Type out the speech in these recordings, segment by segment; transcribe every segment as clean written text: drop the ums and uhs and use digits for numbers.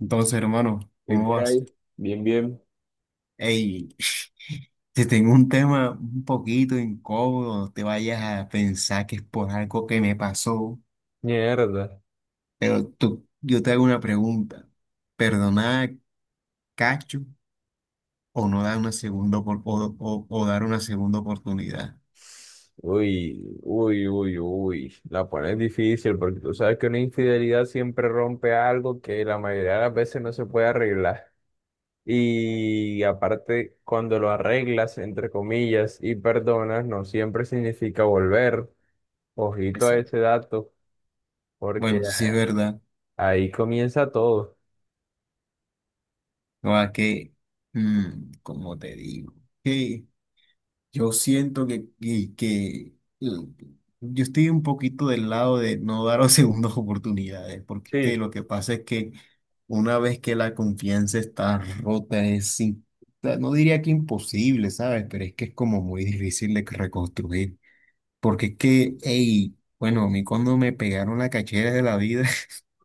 Entonces, hermano, ¿Qué ¿cómo por vas? ahí? Bien, bien. Ey, te tengo un tema un poquito incómodo, no te vayas a pensar que es por algo que me pasó, Mierda. pero yo te hago una pregunta. ¿Perdonar a Cacho o no dar una segunda opor- o dar una segunda oportunidad? Uy, uy, uy, uy. La pones difícil porque tú sabes que una infidelidad siempre rompe algo que la mayoría de las veces no se puede arreglar. Y aparte, cuando lo arreglas, entre comillas, y perdonas, no siempre significa volver. Ojito a Exacto. ese dato, porque Bueno, eso sí es verdad. ahí comienza todo. No, como te digo, yo siento que, mm, yo estoy un poquito del lado de no dar segundas oportunidades, porque es que Sí, lo que pasa es que una vez que la confianza está rota, no diría que imposible, ¿sabes? Pero es que es como muy difícil de reconstruir, porque es que, hey, bueno, a mí cuando me pegaron la cachera de la vida,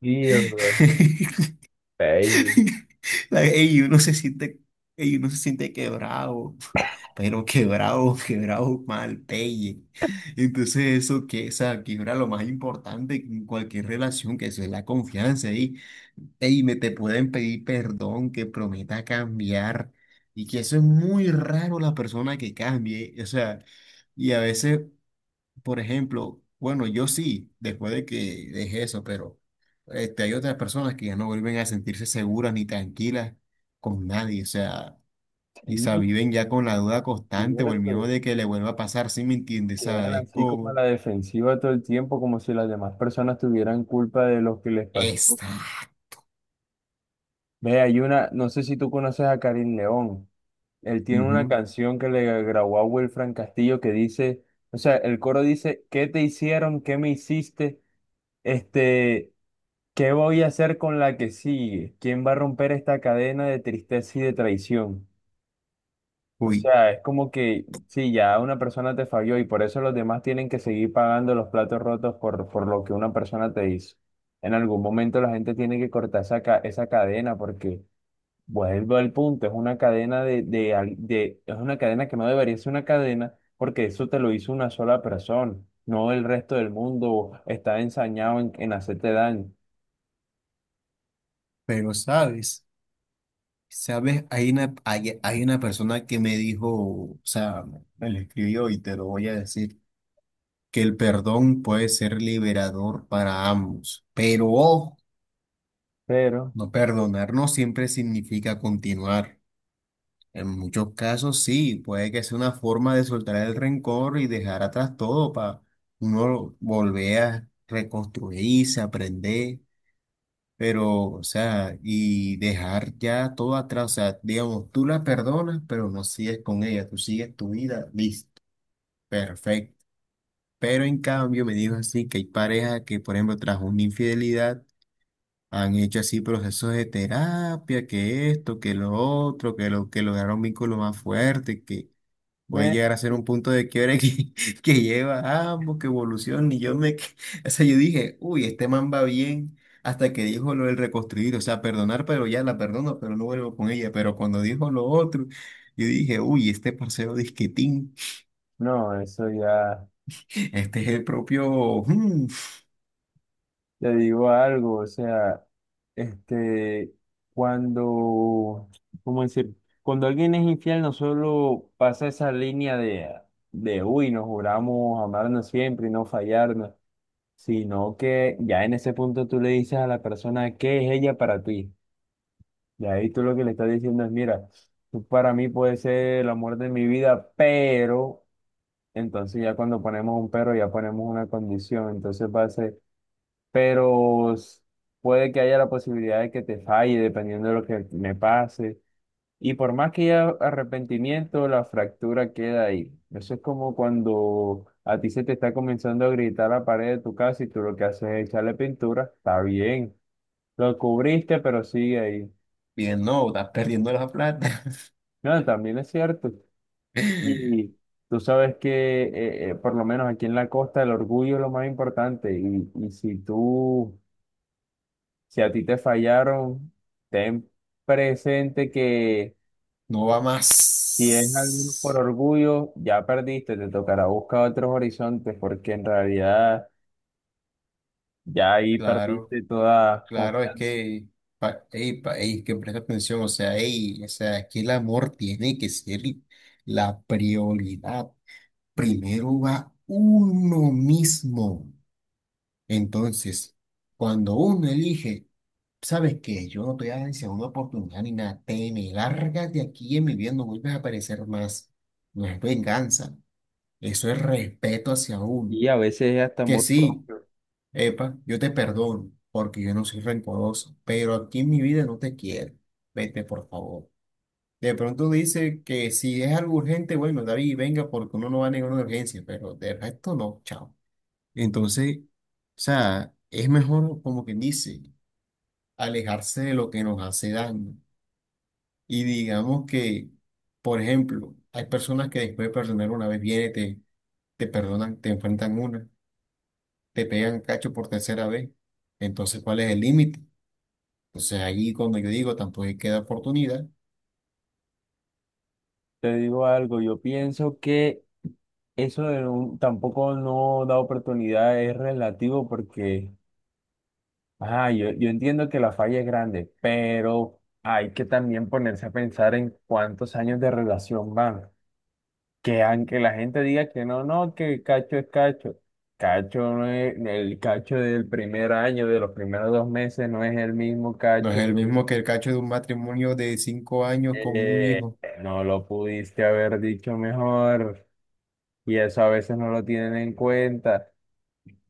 mierda. Ey, Ey, uno se siente, ey, uno se siente quebrado, pero quebrado, quebrado mal, pelle. Entonces, eso que, o sea, quiebra lo más importante en cualquier relación, que eso es la confianza. Y, ey, me te pueden pedir perdón, que prometa cambiar. Y que eso es muy raro la persona que cambie. O sea, y a veces, por ejemplo, bueno, yo sí, después de que dejé eso, pero este, hay otras personas que ya no vuelven a sentirse seguras ni tranquilas con nadie, o sea, y se sí, viven ya con la duda constante o el cierto. miedo de que le vuelva a pasar, ¿sí me entiendes? O sea, Quedan es así como a como, la defensiva todo el tiempo, como si las demás personas tuvieran culpa de lo que les pasó. esta. Ve, hay una, no sé si tú conoces a Karim León. Él tiene una Ujú. canción que le grabó a Wilfran Castillo que dice, o sea, el coro dice, ¿qué te hicieron? ¿Qué me hiciste? Este, ¿Qué voy a hacer con la que sigue? ¿Quién va a romper esta cadena de tristeza y de traición? O Uy, sea, es como que sí, ya una persona te falló y por eso los demás tienen que seguir pagando los platos rotos por lo que una persona te hizo. En algún momento la gente tiene que cortar esa, ca- esa cadena porque vuelvo al punto, es una cadena al- de- es una cadena que no debería ser una cadena porque eso te lo hizo una sola persona, no el resto del mundo está ensañado en hacerte daño. pero sabes, sabes, hay una persona que me dijo, o sea, me lo escribió y te lo voy a decir, que el perdón puede ser liberador para ambos, pero ojo. Pero, No perdonar no siempre significa continuar. En muchos casos sí, puede que sea una forma de soltar el rencor y dejar atrás todo para uno volver a reconstruirse, aprender, pero, o sea, y dejar ya todo atrás. O sea, digamos, tú la perdonas, pero no sigues con ella, tú sigues tu vida, listo, perfecto. Pero en cambio me dijo así que hay parejas que, por ejemplo, tras una infidelidad, han hecho así procesos de terapia, que esto, que lo otro, que lo que lograron un vínculo más fuerte, que puede me, llegar a ser un punto de quiebre que, que lleva a ambos, que evoluciona. Y yo o sea, yo dije, uy, este man va bien, hasta que dijo lo del reconstruir, o sea, perdonar, pero ya la perdono, pero no vuelvo con ella. Pero cuando dijo lo otro, yo dije, uy, este parcero disquetín, no, eso ya. este es el propio, Te digo algo, o sea, este, cuando, ¿cómo decir? Cuando alguien es infiel, no solo pasa esa línea de uy, nos juramos amarnos siempre y no fallarnos, sino que ya en ese punto tú le dices a la persona qué es ella para ti. Y ahí tú lo que le estás diciendo es, mira, tú para mí puedes ser el amor de mi vida, pero, entonces ya cuando ponemos un pero, ya ponemos una condición, entonces va a ser pero s- puede que haya la posibilidad de que te falle dependiendo de lo que me pase. Y por más que haya arrepentimiento, la fractura queda ahí. Eso es como cuando a ti se te está comenzando a gritar la pared de tu casa y tú lo que haces es echarle pintura. Está bien, lo cubriste, pero sigue ahí. bien, no, estás perdiendo la plata, No, también es cierto. Y tú sabes que, por lo menos aquí en la costa, el orgullo es lo más importante. Y si tú si a ti te fallaron, ten presente que no va si es algo por más. orgullo, ya perdiste, te tocará buscar otros horizontes porque en realidad ya ahí Claro, perdiste toda claro, es confianza. que, ey, que presta atención, o sea, ey, o sea, es que el amor tiene que ser la prioridad. Primero va uno mismo. Entonces, cuando uno elige, ¿sabes qué? Yo no te voy a dar segunda oportunidad ni nada, te me largas de aquí en mi vida, no vuelves a aparecer más. No es venganza, eso es respeto hacia uno. Y a veces es hasta Que amor sí. propio. Epa, yo te perdono porque yo no soy rencoroso, pero aquí en mi vida no te quiero. Vete, por favor. De pronto dice que si es algo urgente, bueno, David, venga porque uno no va a negar una urgencia, pero de resto no, chao. Entonces, o sea, es mejor, como quien dice, alejarse de lo que nos hace daño. Y digamos que, por ejemplo, hay personas que después de perdonar una vez, te perdonan, te pegan cacho por 3.ª vez. Entonces, ¿cuál es el límite? Entonces ahí cuando yo digo tampoco es que da oportunidad, Te digo algo, yo pienso que eso de un- tampoco no da oportunidad es relativo porque, ah, yo entiendo que la falla es grande, pero hay que también ponerse a pensar en cuántos años de relación van. Que aunque la gente diga que no, no, que cacho es cacho, cacho no es, el cacho del primer año, de los primeros dos meses, no es el mismo no es cacho. el mismo que el cacho de un matrimonio de 5 años con un eh, hijo. no lo pudiste haber dicho mejor y eso a veces no lo tienen en cuenta,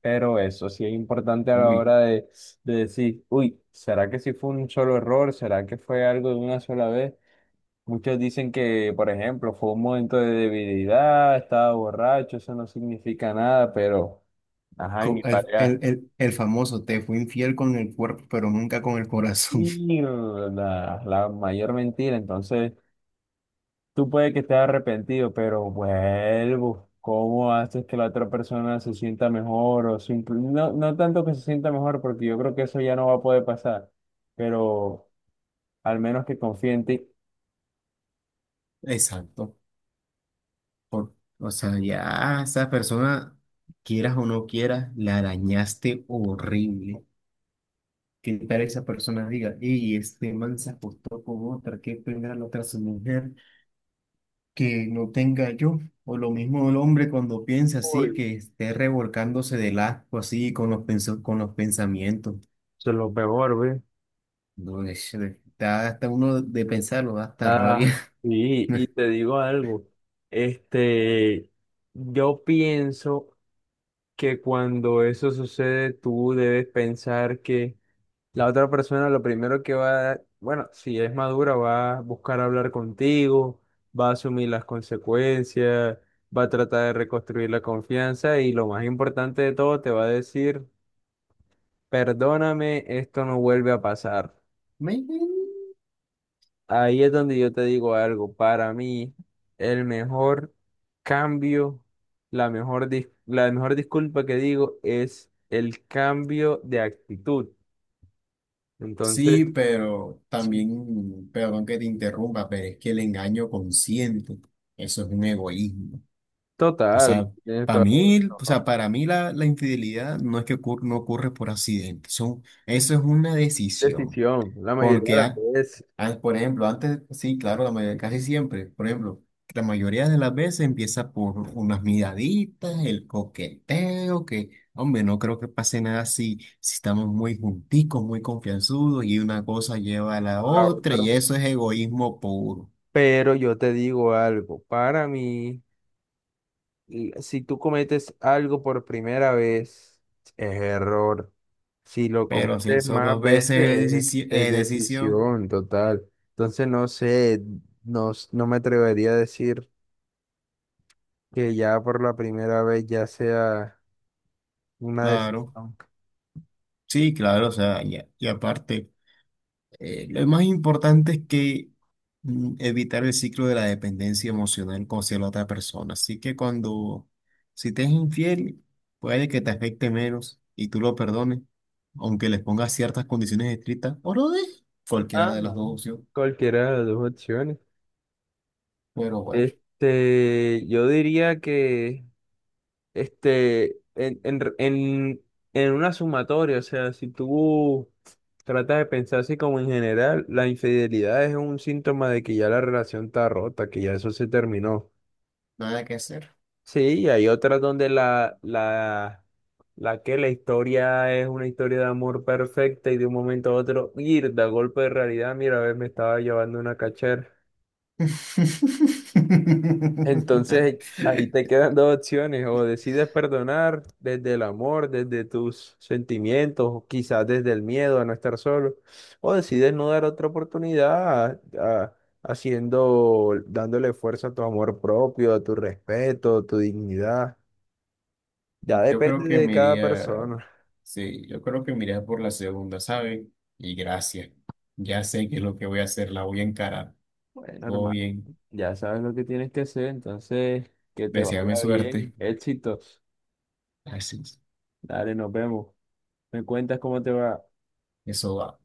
pero eso sí es importante a la Uy, hora de decir, uy, ¿será que sí fue un solo error? ¿Será que fue algo de una sola vez? Muchos dicen que, por ejemplo, fue un momento de debilidad, estaba borracho, eso no significa nada, pero, ajá, y mi el, el, pareja, el, el famoso te fue infiel con el cuerpo, pero nunca con el corazón. y la mayor mentira. Entonces, tú puedes que estés arrepentido, pero vuelvo. ¿Cómo haces que la otra persona se sienta mejor? O simple- no, no tanto que se sienta mejor, porque yo creo que eso ya no va a poder pasar, pero al menos que confíe en ti. Exacto. Por- o sea, ya a esa persona, quieras o no quieras, la arañaste horrible. ¿Qué tal esa persona diga, y este man se acostó con otra, qué pena la otra su mujer? Que no tenga yo, o lo mismo el hombre cuando piensa así, Uy, que esté revolcándose del asco así con con los pensamientos. se lo peor, güey. No, es- da hasta uno de pensarlo, da hasta Ah, rabia. sí, y te digo algo, este, yo pienso que cuando eso sucede, tú debes pensar que la otra persona lo primero que va a, bueno, si es madura, va a buscar hablar contigo, va a asumir las consecuencias, va a tratar de reconstruir la confianza y lo más importante de todo, te va a decir, perdóname, esto no vuelve a pasar. Me- Ahí es donde yo te digo algo. Para mí, el mejor cambio, la mejor, dis- la mejor disculpa que digo es el cambio de actitud. Entonces, Sí, pero sí, también, perdón que te interrumpa, pero es que el engaño consciente, eso es un egoísmo. O total, sea, tienes para toda la mí, o sea, razón. para mí la infidelidad no ocurre por accidente, son, eso es una decisión. Decisión, la mayoría de Porque, las veces, por ejemplo, antes, sí, claro, la mayoría, casi siempre, por ejemplo, la mayoría de las veces empieza por unas miraditas, el coqueteo, que, hombre, no creo que pase nada si, si estamos muy junticos, muy confianzudos y una cosa lleva a la o la otra y otra. eso es egoísmo puro. Pero yo te digo algo. Para mí. L- Si tú cometes algo por primera vez, es error. Si lo Pero si cometes son más 2 veces veces, es decisión, es decisión, decisión total. Entonces, no sé, no, s- no me atrevería a decir que ya por la primera vez ya sea una claro, decisión. sí, claro, o sea, y aparte. Lo más importante es que evitar el ciclo de la dependencia emocional con hacia la otra persona. Así que cuando, si te es infiel, puede que te afecte menos y tú lo perdones, aunque les pongas ciertas condiciones estrictas, o no dejes cualquiera Ah, de las no. dos opciones. Cualquiera de las dos opciones. Pero bueno, Yo diría que este, en, en, en, en una sumatoria, o sea, si tú tratas de pensar así como en general, la infidelidad es un síntoma de que ya la relación está rota, que ya eso se terminó. nada que hacer. Sí, y hay otras donde la que la historia es una historia de amor perfecta y de un momento a otro, ir da golpe de realidad, mira, a ver, me estaba llevando una cachera. Entonces ahí te quedan dos opciones, o decides perdonar desde el amor, desde tus sentimientos, o quizás desde el miedo a no estar solo, o decides no dar otra oportunidad a- haciendo, dándole fuerza a tu amor propio, a tu respeto, a tu dignidad. Ya Yo creo depende que de me cada iría, persona. sí, yo creo que me iría por la segunda, ¿sabes? Y gracias. Ya sé que es lo que voy a hacer, la voy a encarar. Bueno, Todo hermano, bien. ya sabes lo que tienes que hacer, entonces que te Deseame vaya bien, suerte. éxitos. Gracias. Dale, nos vemos. Me cuentas cómo te va. Eso va.